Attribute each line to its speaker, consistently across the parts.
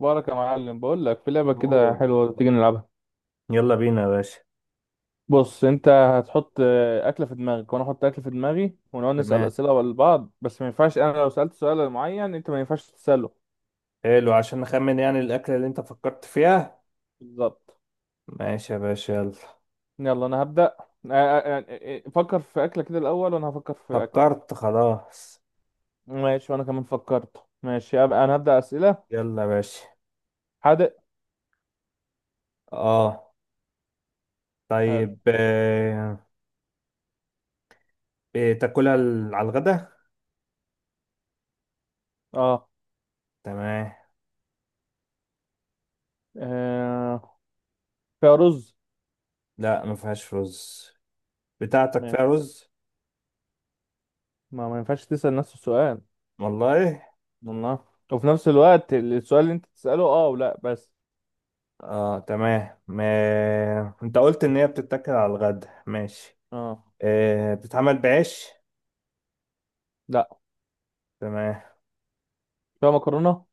Speaker 1: بارك يا معلم، بقول لك في لعبه كده
Speaker 2: أوه.
Speaker 1: حلوه، تيجي نلعبها؟
Speaker 2: يلا بينا يا باشا.
Speaker 1: بص انت هتحط اكله في دماغك وانا احط اكله في دماغي ونقعد نسال
Speaker 2: تمام.
Speaker 1: اسئله لبعض، بس ما ينفعش انا لو سالت سؤال معين انت ما ينفعش تساله.
Speaker 2: حلو عشان نخمن يعني الأكلة اللي أنت فكرت فيها.
Speaker 1: بالظبط.
Speaker 2: ماشي يا باشا يلا.
Speaker 1: يلا انا هبدا. آه، آه، آه، فكر في اكله كده الاول وانا هفكر في اكل.
Speaker 2: فكرت خلاص.
Speaker 1: ماشي وانا كمان فكرت. ماشي أبقى انا هبدا اسئله.
Speaker 2: يلا يا باشا.
Speaker 1: حادق.
Speaker 2: اه،
Speaker 1: حلو.
Speaker 2: طيب. آه. إيه تاكلها على الغدا؟
Speaker 1: اه.
Speaker 2: تمام.
Speaker 1: آه، فيها رز.
Speaker 2: لا، ما فيهاش رز. بتاعتك فيها
Speaker 1: ماشي.
Speaker 2: رز.
Speaker 1: ما ينفعش تسال نفس السؤال.
Speaker 2: والله.
Speaker 1: والله. وفي نفس الوقت السؤال اللي انت تساله اه ولا بس.
Speaker 2: اه، تمام. ما... انت قلت ان هي بتتاكل على الغدا. ماشي.
Speaker 1: اه.
Speaker 2: آه. بتتعمل بعيش؟
Speaker 1: لا
Speaker 2: تمام.
Speaker 1: فيها مكرونة.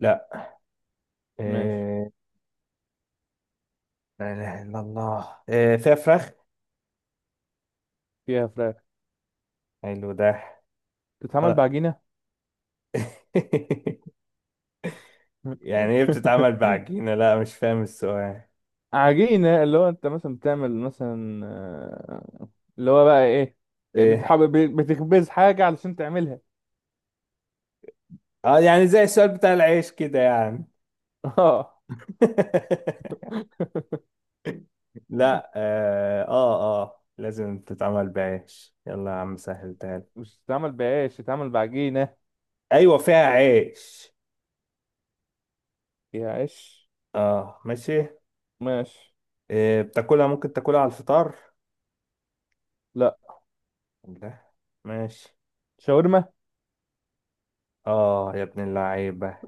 Speaker 2: لا.
Speaker 1: ماشي.
Speaker 2: آه. لا إله إلا الله. آه. فيها فراخ.
Speaker 1: فيها فراخ.
Speaker 2: حلو ده.
Speaker 1: بتتعمل
Speaker 2: آه.
Speaker 1: بعجينة.
Speaker 2: يعني ايه بتتعمل بعجينة؟ لا، مش فاهم السؤال.
Speaker 1: عجينة اللي هو انت مثلا بتعمل مثلا. اللي هو بقى ايه؟
Speaker 2: ايه؟
Speaker 1: بتحب بتخبز حاجة علشان تعملها.
Speaker 2: اه، يعني زي السؤال بتاع العيش كده يعني.
Speaker 1: اه.
Speaker 2: لا اه اه. آه. لازم تتعمل بعيش؟ يلا يا عم سهل تاني.
Speaker 1: مش تتعمل بعيش، تتعمل بعجينة.
Speaker 2: ايوه، فيها عيش.
Speaker 1: يا عيش.
Speaker 2: اه، ماشي.
Speaker 1: ماشي.
Speaker 2: إيه بتاكلها؟ ممكن تاكلها على الفطار؟
Speaker 1: لا.
Speaker 2: لا. ماشي.
Speaker 1: شاورما.
Speaker 2: اه يا ابن اللعيبة.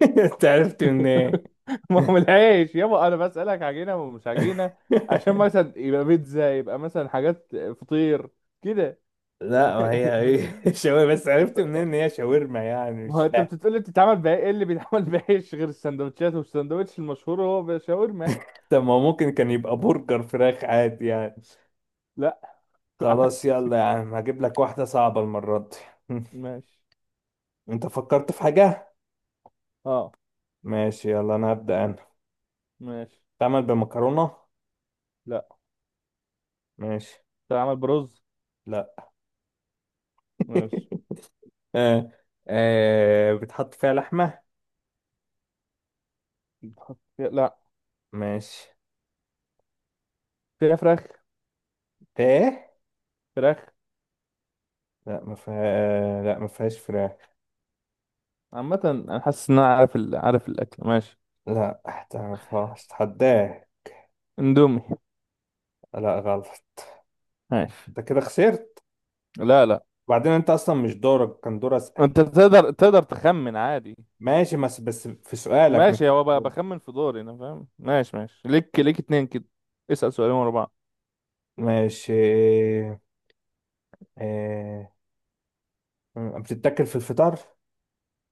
Speaker 2: انت عرفت منين؟
Speaker 1: ما هو من العيش يابا، انا بسألك عجينة ومش عجينة عشان مثلا يبقى بيتزا يبقى مثلا حاجات فطير كده.
Speaker 2: لا، ما هي ايه، شاورما. بس عرفت منين ان هي شاورما يعني؟
Speaker 1: ما
Speaker 2: مش
Speaker 1: هو انت
Speaker 2: فاهم.
Speaker 1: بتقولي بتتعمل بقى ايه اللي بيتعمل بايش غير السندوتشات، والساندوتش المشهور هو شاورما.
Speaker 2: طب ما هو ممكن كان يبقى برجر فراخ عادي يعني.
Speaker 1: لا.
Speaker 2: خلاص،
Speaker 1: عادي.
Speaker 2: يلا يا عم هجيب لك واحدة صعبة المرة دي.
Speaker 1: ماشي.
Speaker 2: انت فكرت في حاجة؟
Speaker 1: اه.
Speaker 2: ماشي يلا انا هبدأ انا.
Speaker 1: ماشي.
Speaker 2: تعمل بمكرونة؟
Speaker 1: لا.
Speaker 2: ماشي.
Speaker 1: بتتعمل برز.
Speaker 2: لا.
Speaker 1: ماشي.
Speaker 2: آه. آه. بتحط فيها لحمة؟
Speaker 1: لا.
Speaker 2: ماشي.
Speaker 1: فيها فراخ.
Speaker 2: ايه؟
Speaker 1: فراخ.
Speaker 2: لا ما فيها. آه. لا ما فيهاش فراخ.
Speaker 1: عامة انا حاسس ان انا عارف عارف الاكل. ماشي.
Speaker 2: لا تعرفهاش، اتحداه.
Speaker 1: اندومي.
Speaker 2: لا غلط.
Speaker 1: ماشي.
Speaker 2: انت كده خسرت.
Speaker 1: لا، لا.
Speaker 2: وبعدين انت اصلا مش دورك، كان دور اسأل.
Speaker 1: انت تقدر تخمن عادي.
Speaker 2: ماشي، بس في سؤالك مش
Speaker 1: ماشي. هو بخمن في دوري انا فاهم. ماشي ماشي، ليك اتنين كده. اسأل سؤالين ورا بعض.
Speaker 2: ماشي. اه... آه، بتتاكل في الفطار؟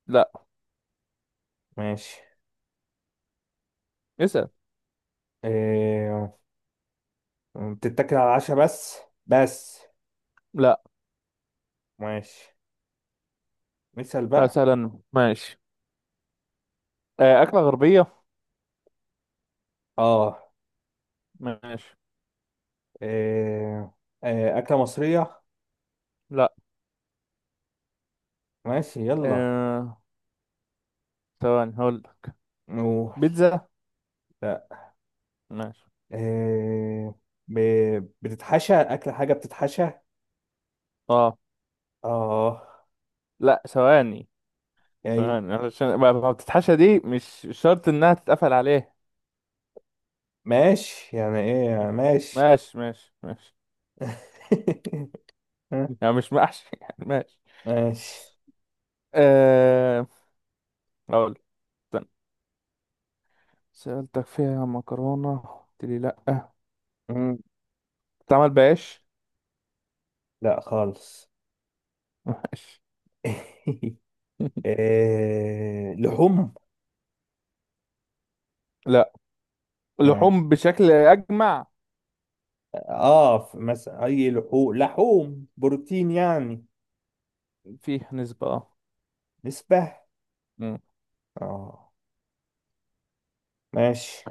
Speaker 1: لا.
Speaker 2: ماشي.
Speaker 1: اسأل.
Speaker 2: اه... بتتاكل على العشاء بس؟ بس.
Speaker 1: لا.
Speaker 2: ماشي. مثال بقى.
Speaker 1: مثلا ماشي. أكلة غربية.
Speaker 2: اه،
Speaker 1: ماشي.
Speaker 2: اه... اه... اكلة مصرية؟
Speaker 1: لا.
Speaker 2: ماشي يلا.
Speaker 1: آه، ثواني هقول لك.
Speaker 2: نو.
Speaker 1: بيتزا.
Speaker 2: لا.
Speaker 1: ماشي.
Speaker 2: اه... ب... بتتحشى اكل؟ حاجة بتتحشى؟
Speaker 1: اه.
Speaker 2: اه.
Speaker 1: لا. ثواني
Speaker 2: اي؟
Speaker 1: ثواني علشان ما بتتحشى دي مش شرط انها تتقفل عليه.
Speaker 2: ماشي. يعني ايه يعني؟ ماشي.
Speaker 1: ماشي ماشي ماشي.
Speaker 2: ها؟
Speaker 1: يعني مش محشي يعني ماشي.
Speaker 2: ماشي.
Speaker 1: آه، اقول لك، استنى. سألتك فيها مكرونة قلت لي لا.
Speaker 2: مم.
Speaker 1: بتتعمل بعيش.
Speaker 2: لا خالص.
Speaker 1: ماشي.
Speaker 2: آه، لحوم.
Speaker 1: لا.
Speaker 2: ماشي.
Speaker 1: لحوم بشكل أجمع.
Speaker 2: اه، مثلا اي لحوم؟ لحوم بروتين يعني؟
Speaker 1: فيه نسبة اه.
Speaker 2: نسبة
Speaker 1: مم.
Speaker 2: اه. ماشي.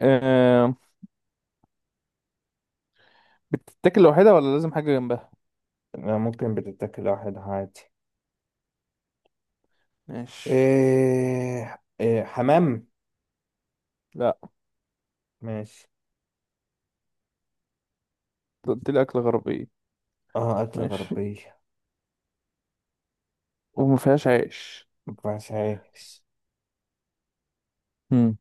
Speaker 1: آه، بتتاكل لوحدها ولا لازم حاجة جنبها؟
Speaker 2: لا، ممكن بتتاكل واحد عادي.
Speaker 1: ماشي.
Speaker 2: آه، آه، حمام.
Speaker 1: لا.
Speaker 2: ماشي.
Speaker 1: قلت لي أكل غربية.
Speaker 2: اه، أكلة
Speaker 1: ماشي.
Speaker 2: غربية.
Speaker 1: وما فيهاش عيش.
Speaker 2: ما ينفعش عايش.
Speaker 1: امم.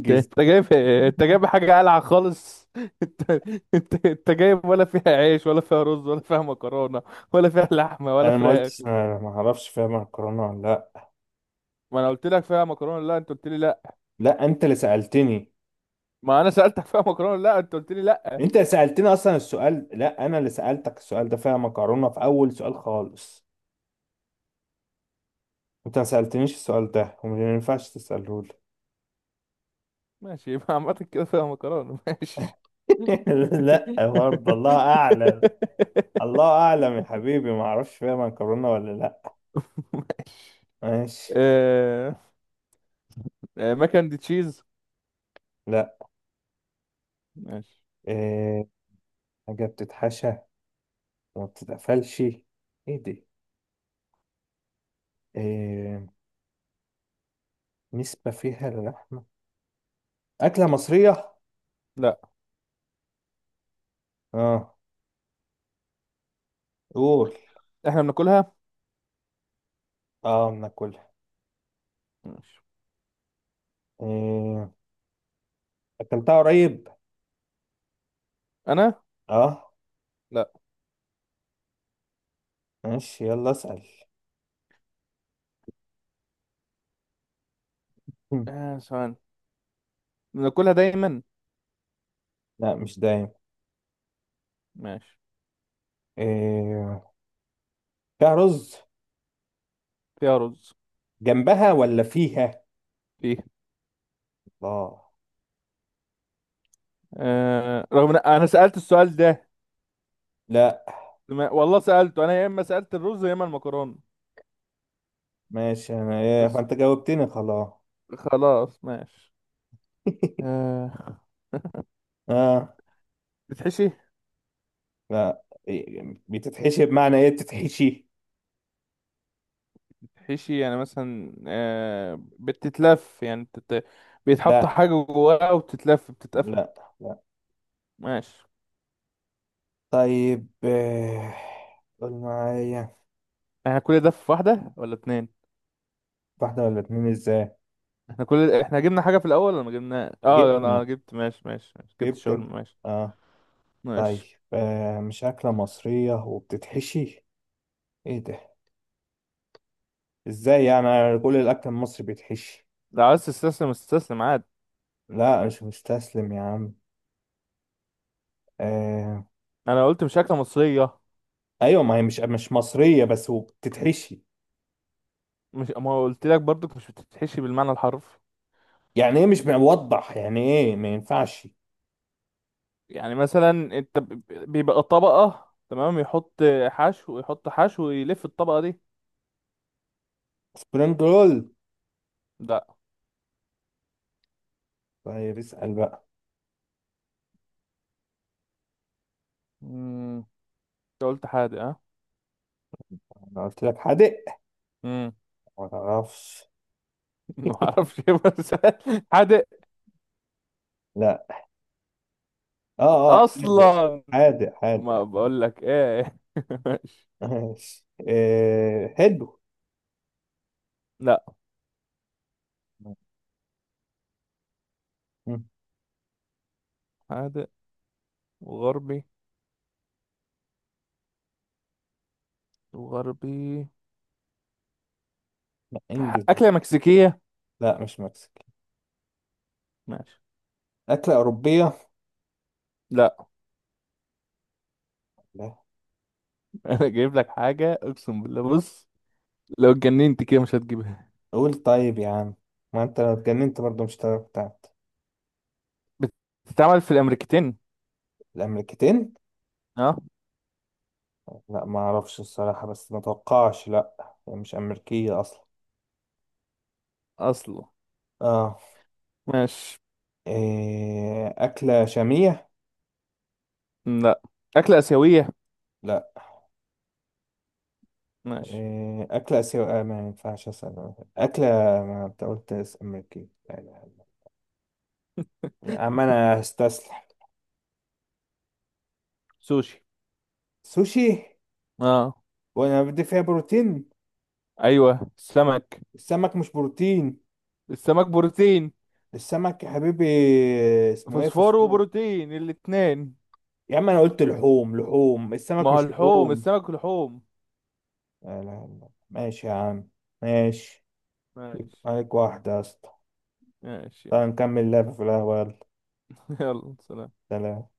Speaker 1: انت أنت جايب. انت جايب حاجة قلعة خالص. انت انت جايب ولا فيها عيش ولا فيها رز ولا فيها مكرونة ولا فيها لحمة ولا
Speaker 2: انا ما
Speaker 1: فراخ.
Speaker 2: قلتش، انا ما اعرفش فيها مكرونة ولا لا.
Speaker 1: ما انا قلت لك فيها مكرونة لا انت قلت لي لا.
Speaker 2: لا انت اللي سألتني.
Speaker 1: ما انا سألتك فيها مكرونة لا انت قلت لي لا.
Speaker 2: انت سألتني اصلا السؤال، لا انا اللي سألتك السؤال ده فيها مكرونة في اول سؤال خالص. انت ما سألتنيش السؤال ده وما ينفعش تسأله لي.
Speaker 1: ماشي يبقى عامة كده فيها مكرونة ماشي.
Speaker 2: لا برضه، الله اعلم. الله اعلم يا حبيبي، ما اعرفش فيها مكرونة ولا لا. ماشي.
Speaker 1: آه، مكن دي تشيز؟
Speaker 2: لا.
Speaker 1: ماشي.
Speaker 2: إيه حاجة بتتحشى وما بتتقفلش، ايه دي؟ إيه نسبة فيها للحمة؟ أكلة مصرية؟
Speaker 1: لا.
Speaker 2: اه، قول.
Speaker 1: احنا بناكلها.
Speaker 2: اه، بناكلها؟
Speaker 1: ماشي.
Speaker 2: إيه أكلتها قريب؟
Speaker 1: انا.
Speaker 2: اه،
Speaker 1: لا.
Speaker 2: ماشي يلا اسأل.
Speaker 1: ثواني. بناكلها دايما.
Speaker 2: لا مش دايم.
Speaker 1: ماشي.
Speaker 2: إيه... فيها رز
Speaker 1: فيها رز.
Speaker 2: جنبها ولا فيها؟
Speaker 1: فيه.
Speaker 2: الله.
Speaker 1: رغم ان انا سألت السؤال ده.
Speaker 2: لا.
Speaker 1: والله سألته انا يا اما سألت الرز يا اما المكرونة.
Speaker 2: ماشي. انا ايه
Speaker 1: بس.
Speaker 2: فانت جاوبتني خلاص.
Speaker 1: خلاص ماشي. آه.
Speaker 2: اه.
Speaker 1: بتحشي.
Speaker 2: لا. إيه... بتتحشي بمعنى ايه بتتحشي؟
Speaker 1: بتحشي يعني مثلا بتتلف يعني بيتحط
Speaker 2: لا
Speaker 1: حاجة جواها وتتلف بتتقفل.
Speaker 2: لا لا.
Speaker 1: ماشي.
Speaker 2: طيب إيه... قول معايا.
Speaker 1: احنا كل ده في واحدة ولا اتنين؟
Speaker 2: واحدة ولا اتنين ازاي؟
Speaker 1: احنا جبنا حاجة في الأول ولا ما جبنا اه انا
Speaker 2: جبنة.
Speaker 1: جبت ماشي ماشي ماشي جبت
Speaker 2: جبت انت.
Speaker 1: الشاورما ماشي.
Speaker 2: اه. طيب.
Speaker 1: ماشي.
Speaker 2: آه، مش أكلة مصرية وبتتحشي، ايه ده؟ ازاي يعني، أنا كل الأكل المصري بيتحشي.
Speaker 1: لو عايز تستسلم استسلم عادي.
Speaker 2: لا مش مستسلم يا عم. آه.
Speaker 1: انا قلت مش أكلة مصرية.
Speaker 2: ايوه، ما هي مش، مصريه بس وبتتحشي.
Speaker 1: مش ما قلت لك برضك مش بتتحشي بالمعنى الحرفي.
Speaker 2: يعني ايه مش موضح، يعني ايه ما ينفعش.
Speaker 1: يعني مثلا انت بيبقى طبقة تمام، يحط حشو يحط حشو ويلف الطبقة دي.
Speaker 2: سبرينج رول.
Speaker 1: لا.
Speaker 2: طيب اسال بقى.
Speaker 1: امم. انت قلت حادق؟ ها.
Speaker 2: انا قلت لك حادق.
Speaker 1: امم.
Speaker 2: ما تعرفش.
Speaker 1: ما اعرفش إيه بس. حادق
Speaker 2: لا اه اه حادق.
Speaker 1: اصلا.
Speaker 2: حادق حادق
Speaker 1: ما
Speaker 2: حادق.
Speaker 1: بقول لك ايه ماشي.
Speaker 2: ماشي آه حلو.
Speaker 1: لا.
Speaker 2: مم.
Speaker 1: حادق وغربي. غربي.
Speaker 2: لا، انجز.
Speaker 1: أكلة مكسيكية.
Speaker 2: لا مش مكسيكي.
Speaker 1: ماشي.
Speaker 2: اكله اوروبيه.
Speaker 1: لا.
Speaker 2: لا.
Speaker 1: أنا جايب لك حاجة أقسم بالله، بص لو اتجننت كده مش هتجيبها.
Speaker 2: قول طيب يا عم. ما انت لو اتجننت برضه مش هتعرف بتاعت
Speaker 1: بتتعمل في الأمريكتين.
Speaker 2: الامريكتين.
Speaker 1: أه.
Speaker 2: لا ما اعرفش الصراحه، بس ما اتوقعش، لا هي مش امريكيه اصلا.
Speaker 1: أصله.
Speaker 2: اه.
Speaker 1: ماشي.
Speaker 2: إيه أكلة شامية؟
Speaker 1: لا. أكلة آسيوية.
Speaker 2: لا.
Speaker 1: ماشي.
Speaker 2: إيه أكلة آسيوية؟ آه، ما ينفعش أسأل أكلة. ما أنت قلت أمريكية لا لا لا. يا عم أنا هستسلم.
Speaker 1: سوشي.
Speaker 2: سوشي.
Speaker 1: أه.
Speaker 2: وأنا بدي فيها بروتين.
Speaker 1: أيوه سمك.
Speaker 2: السمك مش بروتين.
Speaker 1: السمك بروتين.
Speaker 2: السمك يا حبيبي اسمه إيه،
Speaker 1: فوسفور
Speaker 2: فوسفور.
Speaker 1: وبروتين الاتنين.
Speaker 2: يا عم أنا قلت لحوم، لحوم
Speaker 1: ما
Speaker 2: السمك
Speaker 1: هو
Speaker 2: مش
Speaker 1: اللحوم
Speaker 2: لحوم.
Speaker 1: السمك لحوم.
Speaker 2: لا لا لا. ماشي يا عم. ماشي.
Speaker 1: ماشي.
Speaker 2: عليك واحدة يا اسطى.
Speaker 1: ماشي يلا.
Speaker 2: تعال نكمل لعبة في القهوة يلا.
Speaker 1: يلا سلام.
Speaker 2: سلام.